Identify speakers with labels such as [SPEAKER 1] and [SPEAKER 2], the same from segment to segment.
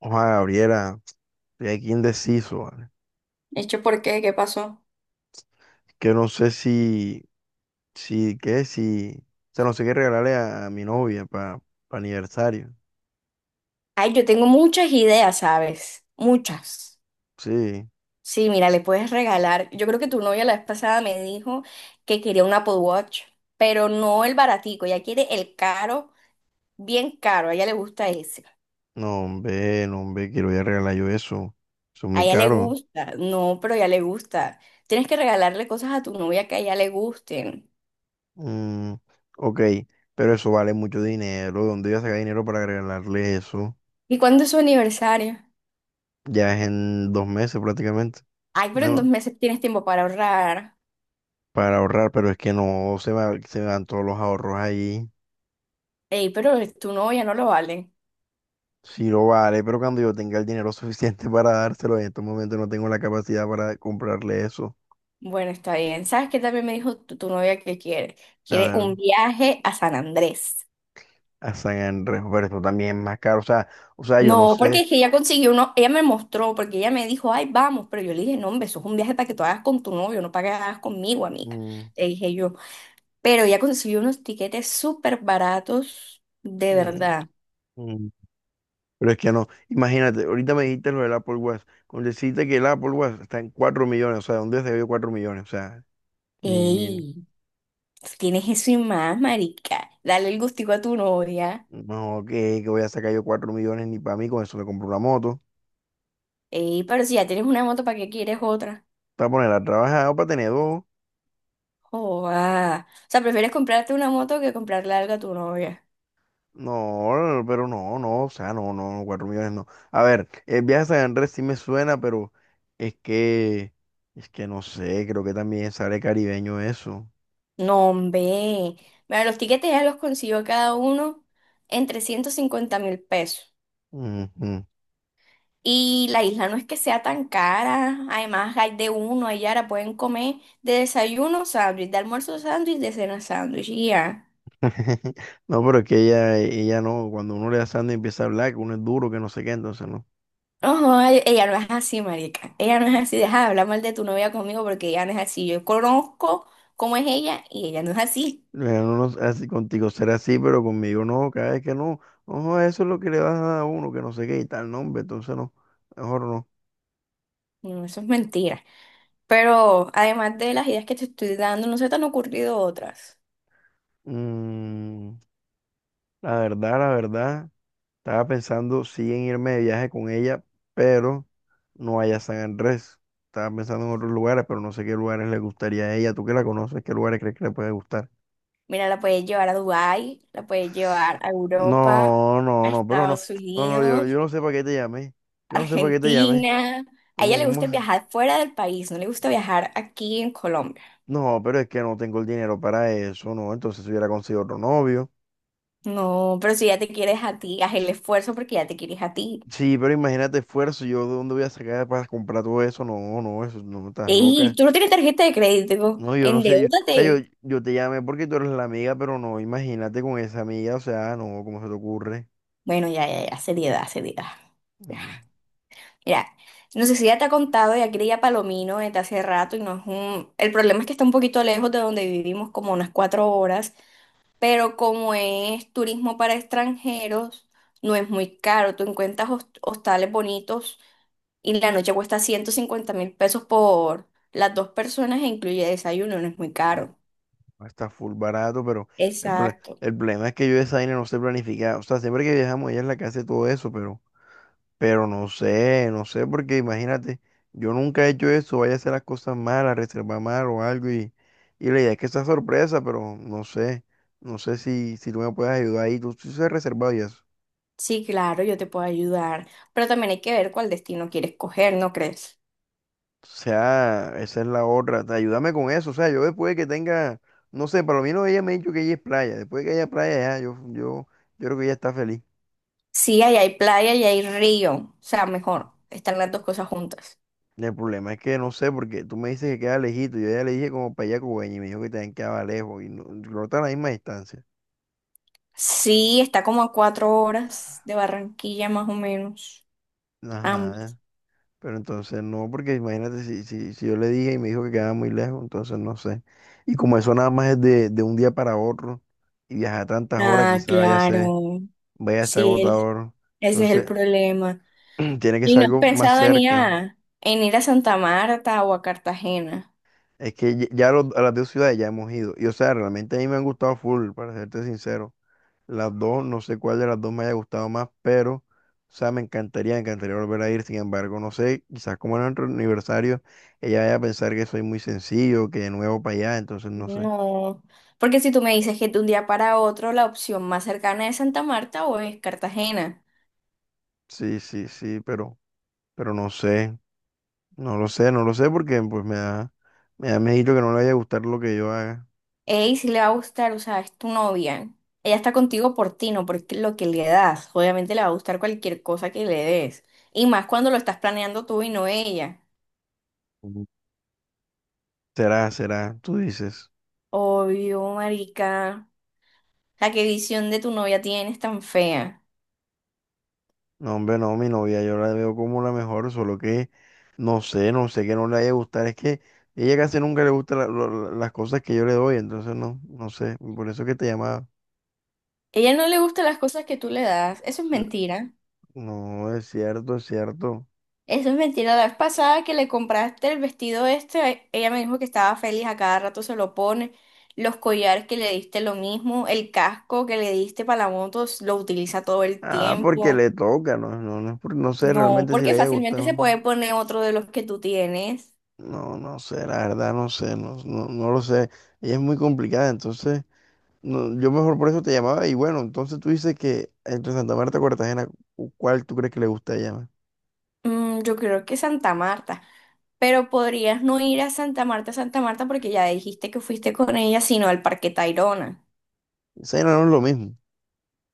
[SPEAKER 1] Ojalá, Gabriela, estoy aquí indeciso, ¿vale?
[SPEAKER 2] Hecho, ¿por qué? ¿Qué pasó?
[SPEAKER 1] Que no sé si, si, qué, si, o sea, no sé qué regalarle a mi novia para aniversario.
[SPEAKER 2] Ay, yo tengo muchas ideas, ¿sabes? Muchas.
[SPEAKER 1] Sí,
[SPEAKER 2] Sí, mira, le puedes regalar. Yo creo que tu novia la vez pasada me dijo que quería un Apple Watch, pero no el baratico. Ella quiere el caro, bien caro. A ella le gusta ese.
[SPEAKER 1] no, hombre, no, hombre, quiero voy a regalar yo eso. Son
[SPEAKER 2] A
[SPEAKER 1] muy
[SPEAKER 2] ella le
[SPEAKER 1] caros.
[SPEAKER 2] gusta. No, pero a ella le gusta. Tienes que regalarle cosas a tu novia que a ella le gusten.
[SPEAKER 1] Mm, ok, pero eso vale mucho dinero. ¿Dónde voy a sacar dinero para regalarle eso?
[SPEAKER 2] ¿Y cuándo es su aniversario?
[SPEAKER 1] Ya es en 2 meses prácticamente.
[SPEAKER 2] Ay, pero en dos
[SPEAKER 1] Bueno,
[SPEAKER 2] meses tienes tiempo para ahorrar.
[SPEAKER 1] para ahorrar, pero es que no, se me van todos los ahorros ahí.
[SPEAKER 2] Ey, pero tu novia no lo vale.
[SPEAKER 1] Sí, lo vale, pero cuando yo tenga el dinero suficiente para dárselo, en estos momentos no tengo la capacidad para comprarle eso.
[SPEAKER 2] Bueno, está bien. ¿Sabes qué también me dijo tu novia que quiere?
[SPEAKER 1] A
[SPEAKER 2] Quiere
[SPEAKER 1] ver,
[SPEAKER 2] un viaje a San Andrés.
[SPEAKER 1] a San Andrés, pero eso también es más caro. O sea, yo no
[SPEAKER 2] No, porque
[SPEAKER 1] sé.
[SPEAKER 2] es que ella consiguió uno, ella me mostró, porque ella me dijo, ay, vamos, pero yo le dije, no, hombre, eso es un viaje para que tú hagas con tu novio, no para que hagas conmigo, amiga,
[SPEAKER 1] mm,
[SPEAKER 2] le dije yo. Pero ella consiguió unos tiquetes súper baratos, de
[SPEAKER 1] mm,
[SPEAKER 2] verdad.
[SPEAKER 1] mm, Pero es que no. Imagínate, ahorita me dijiste lo del Apple Watch. Con decirte que el Apple Watch está en 4 millones, o sea, ¿dónde se yo 4 millones? O sea, ni, ni, ni-
[SPEAKER 2] Ey, tú tienes eso y más, marica. Dale el gustico a tu novia.
[SPEAKER 1] no, que voy a sacar yo 4 millones ni para mí, con eso me compro una moto.
[SPEAKER 2] Ey, pero si ya tienes una moto, ¿para qué quieres otra?
[SPEAKER 1] Para poner a trabajar o para tener dos.
[SPEAKER 2] Joda. O sea, prefieres comprarte una moto que comprarle algo a tu novia.
[SPEAKER 1] No, pero no, no, o sea, no, no, 4 millones no. A ver, el viaje a San Andrés sí me suena, pero es que, es que no sé, creo que también sale caribeño eso.
[SPEAKER 2] No, hombre. Mira, los tiquetes ya los consiguió cada uno en 350.000 pesos.
[SPEAKER 1] Ujú.
[SPEAKER 2] Y la isla no es que sea tan cara. Además, hay de uno, allá ahora pueden comer de desayuno sándwich, de almuerzo sándwich, de cena sándwich. Y ya.
[SPEAKER 1] No, pero es que ella no, cuando uno le da sangre empieza a hablar, que uno es duro, que no sé qué, entonces no.
[SPEAKER 2] Ojo, ella no es así, marica. Ella no es así. Deja de hablar mal de tu novia conmigo porque ella no es así. Yo conozco cómo es ella y ella no es así.
[SPEAKER 1] Uno no- Así, contigo será así, pero conmigo no, cada vez que no, ojo, eso es lo que le das a uno, que no sé qué y tal, nombre, entonces no, mejor no.
[SPEAKER 2] No, eso es mentira. Pero además de las ideas que te estoy dando, no se te han ocurrido otras.
[SPEAKER 1] Mm, la verdad, la verdad. Estaba pensando sí en irme de viaje con ella, pero no allá a San Andrés. Estaba pensando en otros lugares, pero no sé qué lugares le gustaría a ella. Tú que la conoces, ¿qué lugares crees que le puede gustar?
[SPEAKER 2] Mira, la puedes llevar a Dubái, la puedes llevar a Europa,
[SPEAKER 1] No, no,
[SPEAKER 2] a
[SPEAKER 1] no, pero no.
[SPEAKER 2] Estados
[SPEAKER 1] No, no, yo
[SPEAKER 2] Unidos,
[SPEAKER 1] no sé para qué te llamé. Yo no sé para qué te llamé.
[SPEAKER 2] Argentina. A ella
[SPEAKER 1] ¿Cómo,
[SPEAKER 2] le
[SPEAKER 1] cómo?
[SPEAKER 2] gusta viajar fuera del país, no le gusta viajar aquí en Colombia.
[SPEAKER 1] No, pero es que no tengo el dinero para eso, ¿no? Entonces si hubiera conseguido otro novio.
[SPEAKER 2] No, pero si ya te quieres a ti, haz el esfuerzo porque ya te quieres a ti.
[SPEAKER 1] Sí, pero imagínate esfuerzo. ¿Yo de dónde voy a sacar para comprar todo eso? No, no, eso no, estás
[SPEAKER 2] Y
[SPEAKER 1] loca.
[SPEAKER 2] tú no tienes tarjeta de crédito,
[SPEAKER 1] No, yo no sé, yo, o sea,
[SPEAKER 2] endeúdate.
[SPEAKER 1] yo te llamé porque tú eres la amiga, pero no, imagínate con esa amiga, o sea, no, ¿cómo se te ocurre?
[SPEAKER 2] Bueno, ya, ya, ya, seriedad, seriedad.
[SPEAKER 1] Mm,
[SPEAKER 2] Mira, no sé si ya te ha contado, ya quería Palomino desde hace rato y no es un... El problema es que está un poquito lejos de donde vivimos, como unas 4 horas, pero como es turismo para extranjeros, no es muy caro. Tú encuentras hostales bonitos y la noche cuesta 150.000 pesos por las 2 personas e incluye desayuno, no es muy
[SPEAKER 1] mm,
[SPEAKER 2] caro.
[SPEAKER 1] Está full barato, pero el, proble
[SPEAKER 2] Exacto.
[SPEAKER 1] el problema es que yo esa vaina no sé planificar, o sea, siempre que viajamos ella es la que hace todo eso, pero, no sé, no sé, porque imagínate, yo nunca he hecho eso, vaya a hacer las cosas mal, a reservar mal o algo, y la idea es que sea sorpresa, pero no sé, no sé si, tú me puedes ayudar ahí, tú sí has reservado y eso.
[SPEAKER 2] Sí, claro, yo te puedo ayudar, pero también hay que ver cuál destino quieres coger, ¿no crees?
[SPEAKER 1] O sea, esa es la otra. Ayúdame con eso. O sea, yo después que tenga, no sé, para lo menos ella me ha dicho que ella es playa. Después de que haya playa, ya, yo creo que ella está feliz.
[SPEAKER 2] Sí, ahí hay playa y hay río. O sea, mejor, están las dos cosas juntas.
[SPEAKER 1] El problema es que no sé, porque tú me dices que queda lejito. Yo ya le dije como para allá Cubeña y me dijo que también quedaba lejos y no, no está a la misma distancia.
[SPEAKER 2] Sí, está como a 4 horas de Barranquilla más o menos. Ambas.
[SPEAKER 1] Ajá. Pero entonces no, porque imagínate si, si yo le dije y me dijo que quedaba muy lejos, entonces no sé. Y como eso nada más es de un día para otro y viajar tantas horas,
[SPEAKER 2] Ah,
[SPEAKER 1] quizás
[SPEAKER 2] claro.
[SPEAKER 1] vaya a ser
[SPEAKER 2] Sí,
[SPEAKER 1] agotador.
[SPEAKER 2] ese es el
[SPEAKER 1] Entonces.
[SPEAKER 2] problema.
[SPEAKER 1] Tiene que
[SPEAKER 2] ¿Y
[SPEAKER 1] ser
[SPEAKER 2] no has
[SPEAKER 1] algo más
[SPEAKER 2] pensado en ir
[SPEAKER 1] cerca.
[SPEAKER 2] a, en ir a Santa Marta o a Cartagena?
[SPEAKER 1] Es que ya a las dos ciudades ya hemos ido. Y o sea, realmente a mí me han gustado full, para serte sincero. Las dos, no sé cuál de las dos me haya gustado más, pero, o sea, me encantaría volver a ir. Sin embargo, no sé, quizás como en nuestro aniversario, ella vaya a pensar que soy muy sencillo, que de nuevo para allá, entonces no sé.
[SPEAKER 2] No, porque si tú me dices que de un día para otro la opción más cercana es Santa Marta o es Cartagena.
[SPEAKER 1] Sí, sí, sí, pero, no sé. No lo sé, no lo sé porque pues me da, miedito que no le vaya a gustar lo que yo haga.
[SPEAKER 2] Ey, si le va a gustar, o sea, es tu novia. Ella está contigo por ti, no por lo que le das. Obviamente le va a gustar cualquier cosa que le des. Y más cuando lo estás planeando tú y no ella.
[SPEAKER 1] Ujú. Será, será, tú dices.
[SPEAKER 2] Obvio, marica. La que visión de tu novia tienes tan fea.
[SPEAKER 1] No, hombre, no, mi novia, yo la veo como la mejor, solo que no sé, no sé que no le haya gustado. Es que ella casi nunca le gusta las cosas que yo le doy, entonces no, no sé. Por eso que te llamaba.
[SPEAKER 2] Ella no le gusta las cosas que tú le das. Eso es mentira.
[SPEAKER 1] No, es cierto, es cierto.
[SPEAKER 2] Eso es mentira. La vez pasada que le compraste el vestido este, ella me dijo que estaba feliz, a cada rato se lo pone. Los collares que le diste lo mismo, el casco que le diste para la moto lo utiliza todo el
[SPEAKER 1] Ah, porque
[SPEAKER 2] tiempo.
[SPEAKER 1] le toca, no, no, no, no sé
[SPEAKER 2] No,
[SPEAKER 1] realmente si le
[SPEAKER 2] porque
[SPEAKER 1] haya
[SPEAKER 2] fácilmente se
[SPEAKER 1] gustado.
[SPEAKER 2] puede poner otro de los que tú tienes.
[SPEAKER 1] No, no sé, la verdad no sé, no, no, no lo sé. Ella es muy complicada, entonces no, yo mejor por eso te llamaba. Y bueno, entonces tú dices que entre Santa Marta y Cartagena, ¿cuál tú crees que le gusta a ella más?
[SPEAKER 2] Mm, yo creo que Santa Marta. Pero podrías no ir a Santa Marta, Santa Marta, porque ya dijiste que fuiste con ella, sino al Parque Tayrona.
[SPEAKER 1] Ese no es lo mismo. O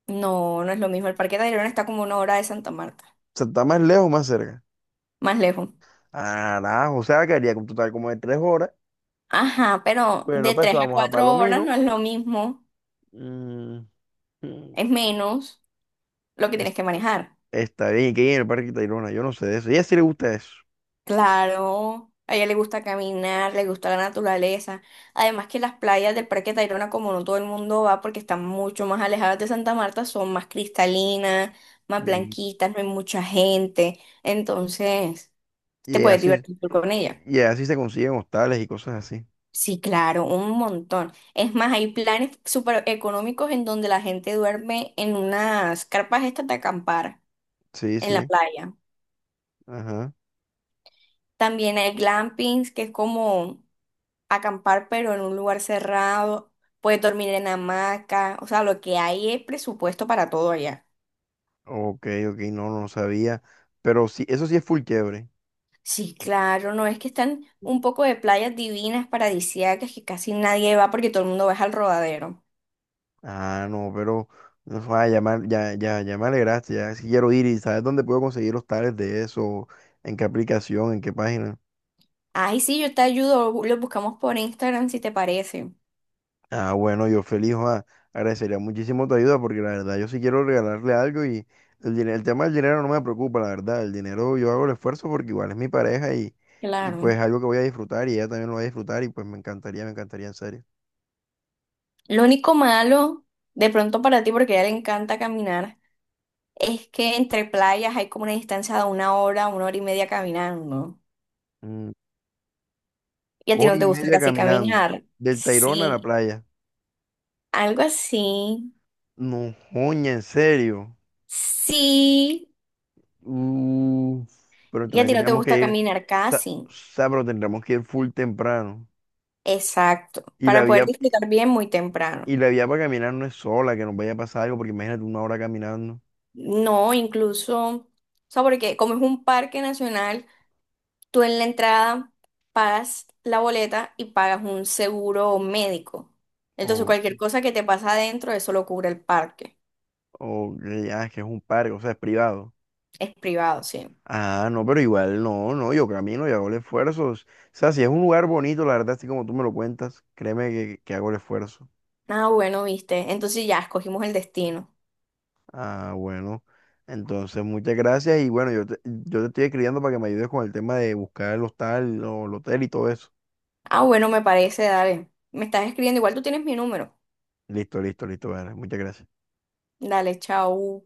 [SPEAKER 2] No, no es lo mismo. El Parque Tayrona está como una hora de Santa Marta,
[SPEAKER 1] sea, está más lejos, más cerca.
[SPEAKER 2] más lejos.
[SPEAKER 1] Ah, o sea, que haría un total como de 3 horas.
[SPEAKER 2] Ajá, pero
[SPEAKER 1] Bueno,
[SPEAKER 2] de
[SPEAKER 1] pues
[SPEAKER 2] tres a
[SPEAKER 1] vamos a
[SPEAKER 2] cuatro horas
[SPEAKER 1] Palomino.
[SPEAKER 2] no es lo mismo,
[SPEAKER 1] Mm, mm,
[SPEAKER 2] es menos lo que tienes
[SPEAKER 1] es-
[SPEAKER 2] que manejar.
[SPEAKER 1] Está bien, que en el Parque Tayrona, yo no sé de eso. Y a ella sí le gusta eso.
[SPEAKER 2] Claro, a ella le gusta caminar, le gusta la naturaleza. Además que las playas del Parque Tayrona, como no todo el mundo va porque están mucho más alejadas de Santa Marta, son más cristalinas, más
[SPEAKER 1] Mm.
[SPEAKER 2] blanquitas, no hay mucha gente. Entonces, te
[SPEAKER 1] Y
[SPEAKER 2] puedes
[SPEAKER 1] así,
[SPEAKER 2] divertir tú con ella.
[SPEAKER 1] se consiguen hostales y cosas así.
[SPEAKER 2] Sí, claro, un montón. Es más, hay planes súper económicos en donde la gente duerme en unas carpas estas de acampar
[SPEAKER 1] Sí,
[SPEAKER 2] en la
[SPEAKER 1] sí.
[SPEAKER 2] playa.
[SPEAKER 1] Ajá.
[SPEAKER 2] También hay glampings, que es como acampar, pero en un lugar cerrado. Puedes dormir en hamaca. O sea, lo que hay es presupuesto para todo allá.
[SPEAKER 1] Ok, ok, no, no sabía. Pero sí, eso sí es full quiebre.
[SPEAKER 2] Sí, claro, no es que están un poco de playas divinas, paradisíacas, que casi nadie va porque todo el mundo va es al rodadero.
[SPEAKER 1] Ah, no, pero no, ya, ya, ya, ya me alegraste, ya sí quiero ir y ¿sabes dónde puedo conseguir los tales de eso? ¿En qué aplicación? ¿En qué página?
[SPEAKER 2] Ay, sí, yo te ayudo, lo buscamos por Instagram si te parece.
[SPEAKER 1] Ah, bueno, yo feliz, agradecería muchísimo tu ayuda porque la verdad yo sí quiero regalarle algo y el tema del dinero no me preocupa, la verdad. El dinero yo hago el esfuerzo porque igual es mi pareja y pues es
[SPEAKER 2] Claro.
[SPEAKER 1] algo que voy a disfrutar y ella también lo va a disfrutar y pues me encantaría en serio.
[SPEAKER 2] Lo único malo, de pronto para ti, porque a ella le encanta caminar. Es que entre playas hay como una distancia de una hora, 1 hora y media caminando.
[SPEAKER 1] Mm,
[SPEAKER 2] Y a ti
[SPEAKER 1] Hora
[SPEAKER 2] no
[SPEAKER 1] y
[SPEAKER 2] te gusta
[SPEAKER 1] media
[SPEAKER 2] casi
[SPEAKER 1] caminando,
[SPEAKER 2] caminar.
[SPEAKER 1] del Tayrona a la
[SPEAKER 2] Sí,
[SPEAKER 1] playa.
[SPEAKER 2] algo así.
[SPEAKER 1] No, joña, en serio.
[SPEAKER 2] Sí,
[SPEAKER 1] Uf, pero
[SPEAKER 2] y a
[SPEAKER 1] entonces
[SPEAKER 2] ti no te
[SPEAKER 1] tendríamos que
[SPEAKER 2] gusta
[SPEAKER 1] ir,
[SPEAKER 2] caminar
[SPEAKER 1] o
[SPEAKER 2] casi.
[SPEAKER 1] sea, pero tendríamos que ir full temprano.
[SPEAKER 2] Exacto.
[SPEAKER 1] Y la
[SPEAKER 2] Para poder
[SPEAKER 1] vía,
[SPEAKER 2] disfrutar bien muy
[SPEAKER 1] y
[SPEAKER 2] temprano.
[SPEAKER 1] la vía para caminar no es sola, que nos vaya a pasar algo, porque imagínate una hora caminando,
[SPEAKER 2] No, incluso, o sea, porque como es un parque nacional, tú en la entrada pagas la boleta y pagas un seguro médico. Entonces,
[SPEAKER 1] o,
[SPEAKER 2] cualquier cosa que te pasa adentro, eso lo cubre el parque.
[SPEAKER 1] o que ya es que es un parque, o sea, es privado.
[SPEAKER 2] Es privado, sí.
[SPEAKER 1] Ah, no, pero igual no, no, yo camino y hago el esfuerzo. O sea, si es un lugar bonito, la verdad, así como tú me lo cuentas, créeme que hago el esfuerzo.
[SPEAKER 2] Ah, bueno, viste. Entonces ya escogimos el destino.
[SPEAKER 1] Ah, bueno. Entonces, muchas gracias y bueno, yo te estoy escribiendo para que me ayudes con el tema de buscar el hostal, o el hotel y todo eso.
[SPEAKER 2] Ah, bueno, me parece, dale. Me estás escribiendo, igual tú tienes mi número.
[SPEAKER 1] Listo, listo, listo. Vale, muchas gracias.
[SPEAKER 2] Dale, chao.